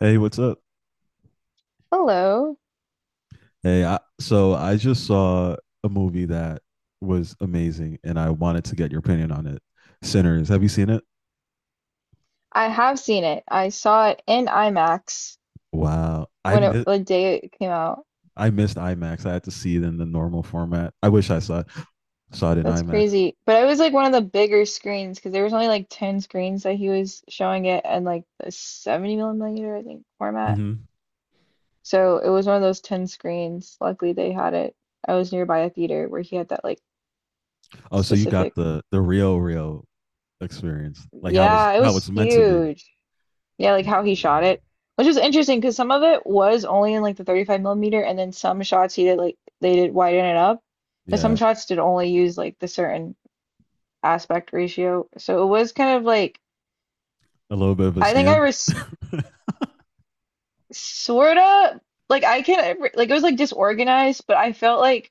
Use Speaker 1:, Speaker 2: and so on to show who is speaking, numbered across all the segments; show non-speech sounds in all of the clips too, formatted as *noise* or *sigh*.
Speaker 1: Hey, what's up?
Speaker 2: Hello.
Speaker 1: Hey, so I just saw a movie that was amazing, and I wanted to get your opinion on it. Sinners, have you seen it?
Speaker 2: I have seen it. I saw it in IMAX
Speaker 1: Wow,
Speaker 2: when it the day it came out.
Speaker 1: I missed IMAX. I had to see it in the normal format. I wish I saw it in
Speaker 2: That's
Speaker 1: IMAX.
Speaker 2: crazy. But it was like one of the bigger screens because there was only like 10 screens that he was showing it and like the 70 millimeter, I think, format.
Speaker 1: Hmm.
Speaker 2: So it was one of those 10 screens. Luckily they had it. I was nearby a theater where he had that like
Speaker 1: Oh, so you got
Speaker 2: specific.
Speaker 1: the real real experience, like how it's
Speaker 2: Yeah, it
Speaker 1: how
Speaker 2: was
Speaker 1: it's meant to be.
Speaker 2: huge. Yeah, like how he shot it, which was interesting because some of it was only in like the 35 millimeter, and then some shots he did like they did widen it up, but some
Speaker 1: Yeah,
Speaker 2: shots did only use like the certain aspect ratio. So it was kind of like
Speaker 1: a little bit of a
Speaker 2: I think I
Speaker 1: scam.
Speaker 2: was
Speaker 1: *laughs*
Speaker 2: sort of like I can like it was like disorganized, but I felt like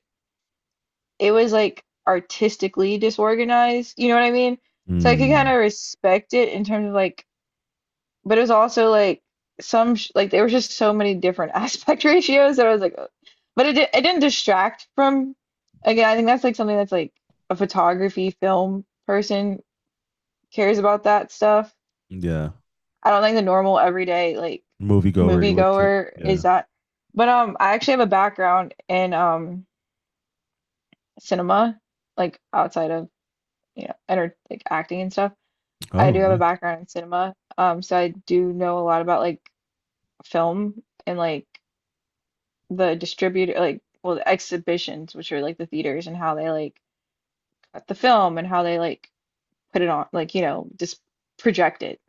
Speaker 2: it was like artistically disorganized. You know what I mean? So I could kind
Speaker 1: Mm,
Speaker 2: of respect it in terms of like but it was also like some sh like there was just so many different *laughs* aspect ratios that I was like, "Ugh," but it didn't distract from. Again, I think that's like something that's like a photography film person cares about that stuff.
Speaker 1: yeah,
Speaker 2: I don't think the normal everyday like
Speaker 1: moviegoer would.
Speaker 2: moviegoer is
Speaker 1: Yeah.
Speaker 2: that. But I actually have a background in cinema, like outside of enter like acting and stuff. I
Speaker 1: Oh
Speaker 2: do have a
Speaker 1: no.
Speaker 2: background in cinema, so I do know a lot about like film and like the distributor like well the exhibitions which are like the theaters and how they like cut the film and how they like put it on like just project it,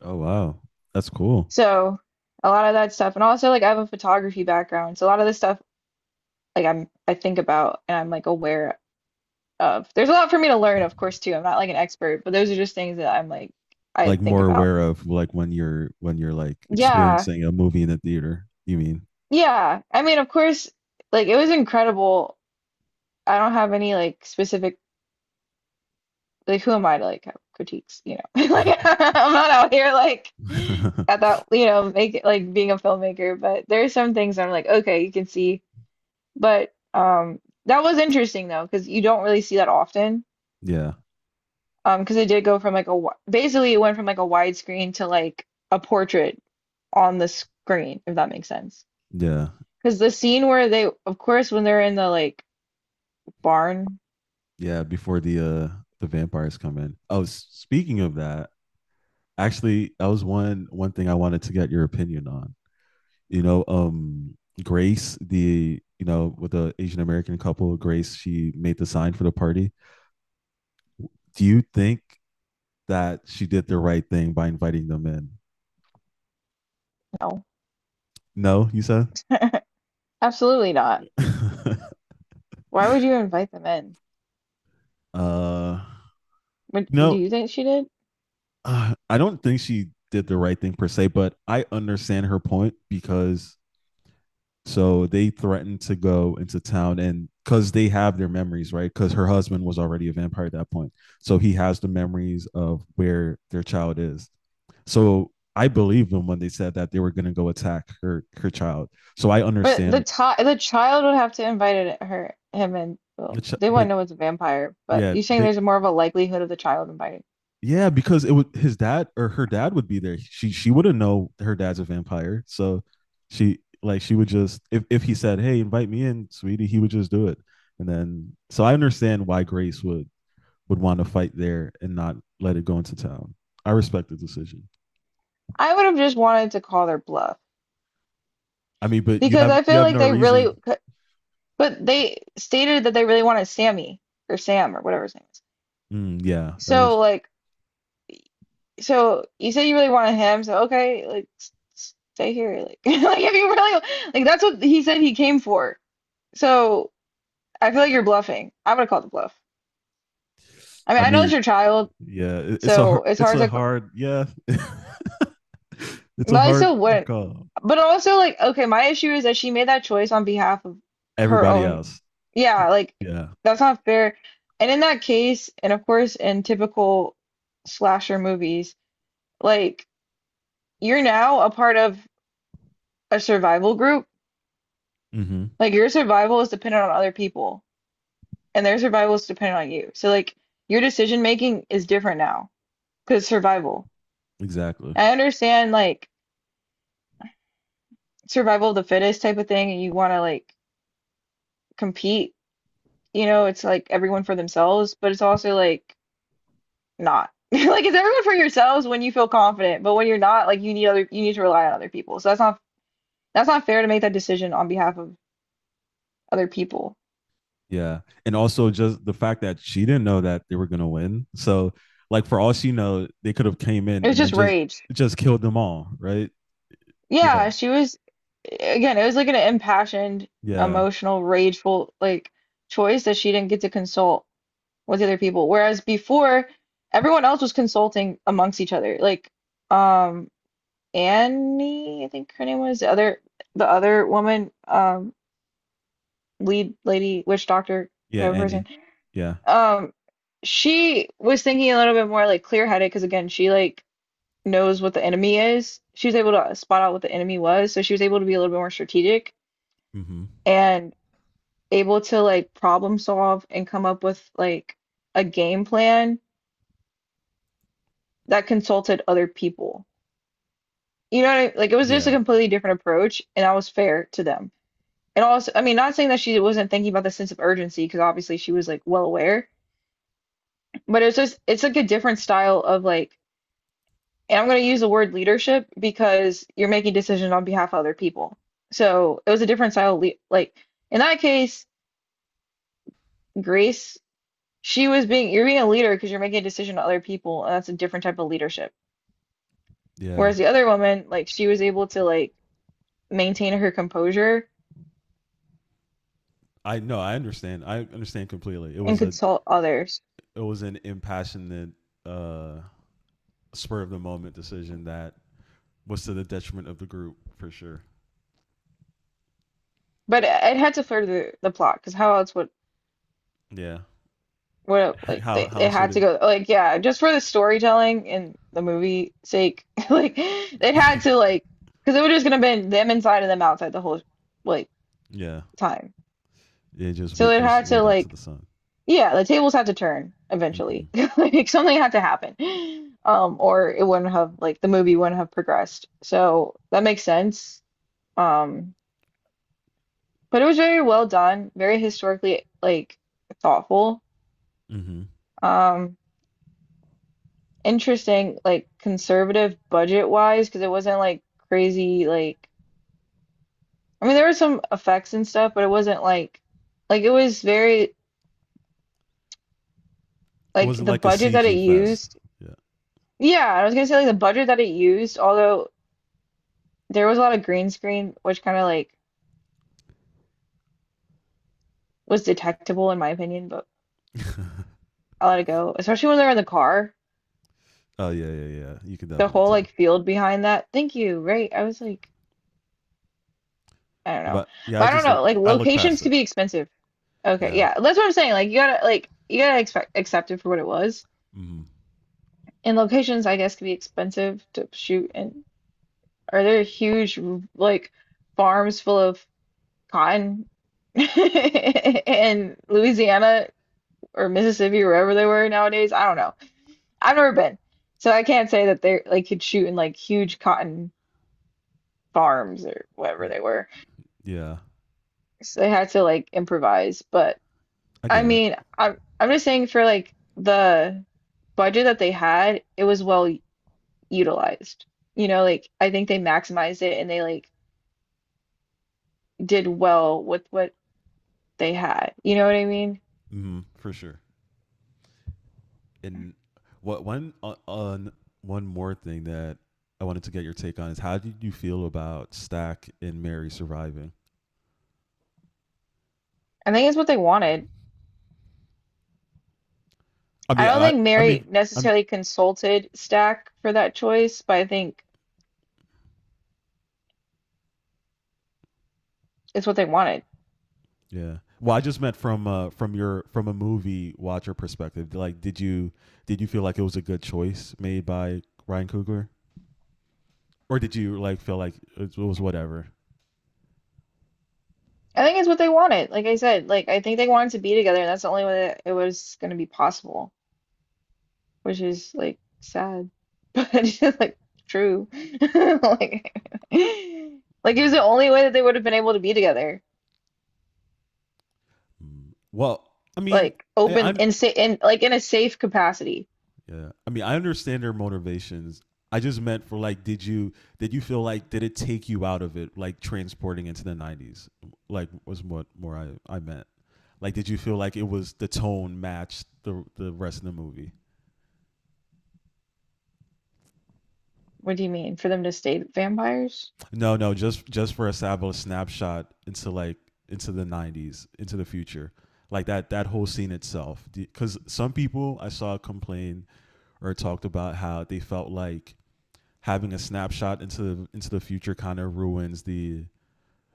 Speaker 1: Oh wow, that's cool.
Speaker 2: so a lot of that stuff, and also like I have a photography background, so a lot of this stuff like I think about and I'm like aware of there's a lot for me to learn of course too. I'm not like an expert, but those are just things that I'm like I
Speaker 1: Like
Speaker 2: think
Speaker 1: more
Speaker 2: about.
Speaker 1: aware of like when you're like
Speaker 2: yeah
Speaker 1: experiencing a movie in the theater, you mean?
Speaker 2: yeah I mean of course like it was incredible. I don't have any like specific like who am I to like have critiques, you know? *laughs* Like *laughs* I'm not out here like at
Speaker 1: *laughs*
Speaker 2: that, you know, make it like being a filmmaker, but there are some things I'm like, okay, you can see. But that was interesting though, because you don't really see that often.
Speaker 1: Yeah,
Speaker 2: Because it did go from like a basically it went from like a widescreen to like a portrait on the screen, if that makes sense.
Speaker 1: yeah,
Speaker 2: Because the scene where they, of course, when they're in the like barn,
Speaker 1: yeah, before the vampires come in. Oh, speaking of that, actually, that was one thing I wanted to get your opinion on. you know um Grace, the you know with the Asian American couple, Grace, she made the sign for the party. Do you think that she did the right thing by inviting them in?
Speaker 2: no,
Speaker 1: No, you said.
Speaker 2: absolutely not. Why would you invite them in?
Speaker 1: *laughs* uh
Speaker 2: Do
Speaker 1: no.
Speaker 2: you think she did?
Speaker 1: I don't think she did the right thing per se, but I understand her point because so they threatened to go into town, and because they have their memories, right? Because her husband was already a vampire at that point. So he has the memories of where their child is. So I believe them when they said that they were going to go attack her child. So I
Speaker 2: But
Speaker 1: understand,
Speaker 2: the child would have to invite it, her, him, and well, they
Speaker 1: but
Speaker 2: wouldn't know it's a vampire, but
Speaker 1: yeah,
Speaker 2: you're saying there's more of a likelihood of the child inviting.
Speaker 1: Because it would, his dad or her dad would be there. She wouldn't know her dad's a vampire, so she, like, she would just, if he said, "Hey, invite me in, sweetie," he would just do it. And then so I understand why Grace would want to fight there and not let it go into town. I respect the decision.
Speaker 2: I would have just wanted to call their bluff
Speaker 1: I mean, but you
Speaker 2: because
Speaker 1: have
Speaker 2: I
Speaker 1: you
Speaker 2: feel
Speaker 1: have
Speaker 2: like
Speaker 1: no
Speaker 2: they really
Speaker 1: reason.
Speaker 2: could, but they stated that they really wanted Sammy or Sam or whatever his name is.
Speaker 1: Mm, yeah, that is.
Speaker 2: So like so you say you really wanted him, so okay, like stay here like *laughs* like if you really like that's what he said he came for. So I feel like you're bluffing. I would have called the bluff. I
Speaker 1: I
Speaker 2: mean, I know it's
Speaker 1: mean,
Speaker 2: your child,
Speaker 1: yeah,
Speaker 2: so it's hard to.
Speaker 1: yeah, *laughs* it's
Speaker 2: But
Speaker 1: a
Speaker 2: I
Speaker 1: hard
Speaker 2: still wouldn't.
Speaker 1: call.
Speaker 2: But also, like, okay, my issue is that she made that choice on behalf of her
Speaker 1: Everybody
Speaker 2: own.
Speaker 1: else,
Speaker 2: Yeah, like,
Speaker 1: yeah.
Speaker 2: that's not fair. And in that case, and of course, in typical slasher movies, like, you're now a part of a survival group.
Speaker 1: Hmm.
Speaker 2: Like, your survival is dependent on other people, and their survival is dependent on you. So, like, your decision making is different now because survival.
Speaker 1: Exactly.
Speaker 2: I understand, like, survival of the fittest type of thing, and you want to, like, compete, you know, it's like everyone for themselves, but it's also like not. *laughs* Like it's everyone for yourselves when you feel confident, but when you're not, like you need to rely on other people. So that's not fair to make that decision on behalf of other people.
Speaker 1: Yeah. And also just the fact that she didn't know that they were gonna win. So like for all she know, they could have came in
Speaker 2: It was
Speaker 1: and then
Speaker 2: just
Speaker 1: just
Speaker 2: rage.
Speaker 1: just killed them all, right? Yeah.
Speaker 2: Yeah, she was again, it was like an impassioned,
Speaker 1: Yeah.
Speaker 2: emotional, rageful like choice that she didn't get to consult with the other people. Whereas before, everyone else was consulting amongst each other. Like um Annie, I think her name was, the other woman, lead lady, witch doctor
Speaker 1: Yeah,
Speaker 2: type of
Speaker 1: Annie.
Speaker 2: person.
Speaker 1: Yeah.
Speaker 2: Um, she was thinking a little bit more like clear-headed because again, she like knows what the enemy is. She was able to spot out what the enemy was, so she was able to be a little bit more strategic
Speaker 1: Mm-hmm.
Speaker 2: and able to like problem solve and come up with like a game plan that consulted other people. You know what I, like it was just a
Speaker 1: Yeah.
Speaker 2: completely different approach, and that was fair to them. And also, I mean, not saying that she wasn't thinking about the sense of urgency, because obviously she was like well aware, but it's just, it's like a different style of like, and I'm going to use the word leadership because you're making decisions on behalf of other people. So it was a different style. Le Like in that case, Grace, she was being, you're being a leader because you're making a decision on other people, and that's a different type of leadership.
Speaker 1: Yeah.
Speaker 2: Whereas the other woman, like she was able to like maintain her composure
Speaker 1: I know, I understand. I understand completely. It
Speaker 2: and
Speaker 1: was a
Speaker 2: consult others.
Speaker 1: it was an impassionate uh spur of the moment decision that was to the detriment of the group for sure.
Speaker 2: But it had to further the plot, because how else would
Speaker 1: Yeah.
Speaker 2: what
Speaker 1: *laughs*
Speaker 2: like
Speaker 1: how how
Speaker 2: they
Speaker 1: sort
Speaker 2: had to
Speaker 1: of.
Speaker 2: go like yeah just for the storytelling and the movie sake *laughs* like they had to
Speaker 1: *laughs*
Speaker 2: like because it would just gonna been them inside and them outside the whole like
Speaker 1: Yeah.
Speaker 2: time,
Speaker 1: Yeah, just
Speaker 2: so
Speaker 1: wait
Speaker 2: it
Speaker 1: just
Speaker 2: had to
Speaker 1: wait out to
Speaker 2: like
Speaker 1: the sun.
Speaker 2: yeah the tables had to turn
Speaker 1: Mm-hmm.
Speaker 2: eventually *laughs* like something had to happen. Or it wouldn't have like the movie wouldn't have progressed, so that makes sense. um but it was very well done, very historically like thoughtful.
Speaker 1: Mm-hmm.
Speaker 2: Um. Interesting, like conservative budget wise, because it wasn't like crazy, like I mean there were some effects and stuff, but it wasn't like it was very
Speaker 1: It
Speaker 2: like
Speaker 1: wasn't
Speaker 2: the
Speaker 1: like a
Speaker 2: budget that it
Speaker 1: CG fest.
Speaker 2: used.
Speaker 1: Yeah.
Speaker 2: Yeah, I was gonna say like the budget that it used, although there was a lot of green screen, which kind of like was detectable in my opinion, but I let it go. Especially when they're in the car,
Speaker 1: Oh yeah, yeah, yeah. You can
Speaker 2: the
Speaker 1: definitely
Speaker 2: whole
Speaker 1: tell.
Speaker 2: like field behind that. Thank you, right? I was like, I don't know,
Speaker 1: But yeah, I
Speaker 2: but I don't
Speaker 1: just look.
Speaker 2: know. Like
Speaker 1: I look
Speaker 2: locations
Speaker 1: past it.
Speaker 2: could be expensive. Okay,
Speaker 1: Yeah.
Speaker 2: yeah, that's what I'm saying. Like you gotta expect accept it for what it was.
Speaker 1: Mm.
Speaker 2: And locations, I guess, could be expensive to shoot. And are there huge like farms full of cotton *laughs* in Louisiana or Mississippi or wherever they were nowadays? I don't know. I've never been, so I can't say that they like could shoot in like huge cotton farms or whatever they were.
Speaker 1: Yeah.
Speaker 2: So they had to like improvise, but.
Speaker 1: I
Speaker 2: I
Speaker 1: get it.
Speaker 2: mean, I'm just saying for like the budget that they had, it was well utilized. You know, like I think they maximized it, and they like did well with what they had. You know what I mean?
Speaker 1: Mm. For sure. And what one on one more thing that I wanted to get your take on is how did you feel about Stack and Mary surviving?
Speaker 2: I think it's what they wanted.
Speaker 1: I
Speaker 2: I
Speaker 1: mean,
Speaker 2: don't think Mary
Speaker 1: I'm
Speaker 2: necessarily consulted Stack for that choice, but I think it's what they wanted.
Speaker 1: yeah. Well, I just meant from, from your from a movie watcher perspective. Like, did you feel like it was a good choice made by Ryan Coogler, or did you like feel like it was whatever?
Speaker 2: I think it's what they wanted. Like I said, like I think they wanted to be together, and that's the only way that it was going to be possible. Which is like sad, *laughs* but it's like true. *laughs* Like, like it was the only way that they would have been able to be together,
Speaker 1: Mm-hmm. Well, I mean,
Speaker 2: like
Speaker 1: I,
Speaker 2: open
Speaker 1: I'm
Speaker 2: and sa in like in a safe capacity.
Speaker 1: yeah. I mean, I understand their motivations. I just meant for, like, did you feel like did it take you out of it, like transporting into the '90s? Like, was what more I meant. Like, did you feel like it was the tone matched the rest of the movie?
Speaker 2: What do you mean, for them to stay vampires?
Speaker 1: No, no, just for a snapshot into, like, into the '90s, into the future, like that whole scene itself. Because some people I saw complain or talked about how they felt like having a snapshot into the future kind of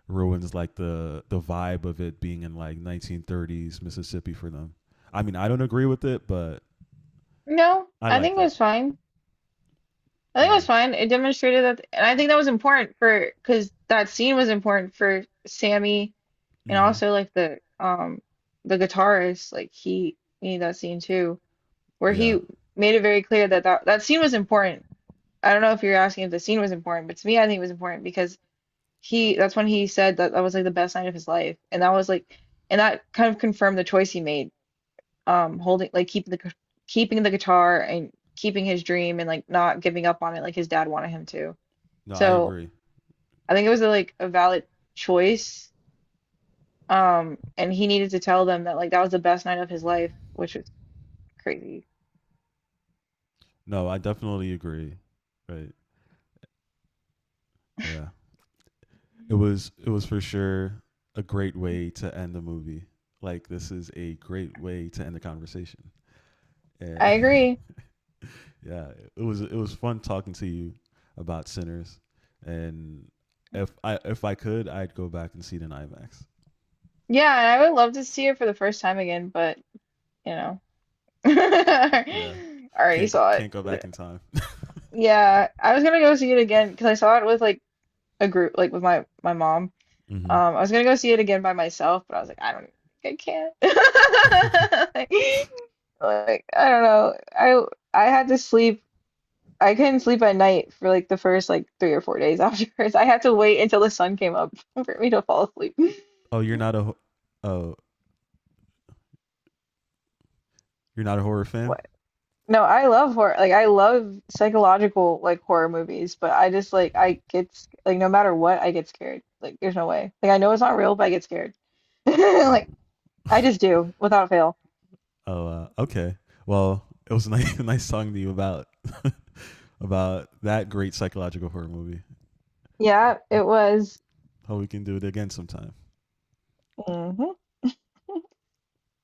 Speaker 1: ruins, like, the vibe of it being in like 1930s Mississippi for them. I mean, I don't agree with it, but
Speaker 2: No,
Speaker 1: I
Speaker 2: I
Speaker 1: liked
Speaker 2: think it
Speaker 1: it.
Speaker 2: was fine. I think it
Speaker 1: Yeah.
Speaker 2: was fine. It demonstrated that, and I think that was important for because that scene was important for Sammy and
Speaker 1: Mhm.
Speaker 2: also like the guitarist. Like he needed that scene too, where
Speaker 1: Yeah.
Speaker 2: he made it very clear that that scene was important. I don't know if you're asking if the scene was important, but to me, I think it was important because that's when he said that that was like the best night of his life. And that was like, and that kind of confirmed the choice he made, holding, like keeping keeping the guitar and keeping his dream and like not giving up on it like his dad wanted him to.
Speaker 1: No, I
Speaker 2: So
Speaker 1: agree.
Speaker 2: I think it was like a valid choice. And he needed to tell them that like that was the best night of his life, which was crazy.
Speaker 1: No, I definitely agree. Right. Yeah. It was for sure a great way to end the movie. Like this is a great way to end the conversation.
Speaker 2: I
Speaker 1: Yeah. *laughs*
Speaker 2: agree.
Speaker 1: Yeah, it was fun talking to you about Sinners, and if I could, I'd go back and see it in IMAX.
Speaker 2: Yeah, and I would love to see it for the first time again, but you know. *laughs* I
Speaker 1: Yeah,
Speaker 2: already saw it.
Speaker 1: can't go back in time.
Speaker 2: Yeah, I was gonna go see it again because I saw it with like a group, like with my mom.
Speaker 1: Mm-hmm.
Speaker 2: I was gonna go see it again by myself, but I was like, I don't, I can't. *laughs* Like, I don't know. I had to sleep. I couldn't sleep at night for like the first like 3 or 4 days *laughs* afterwards. I had to wait until the sun came up *laughs* for me to fall asleep.
Speaker 1: Oh, you're not a oh, you're not a horror fan.
Speaker 2: *laughs* No, I love horror. Like I love psychological like horror movies, but I just like I get like no matter what, I get scared. Like there's no way. Like I know it's not real, but I get scared. *laughs* Like I just do without fail.
Speaker 1: Oh, okay. Well, it was nice *laughs* nice talking to you about that great psychological horror movie.
Speaker 2: Yeah, it was.
Speaker 1: Hope we can do it again sometime.
Speaker 2: Mhm.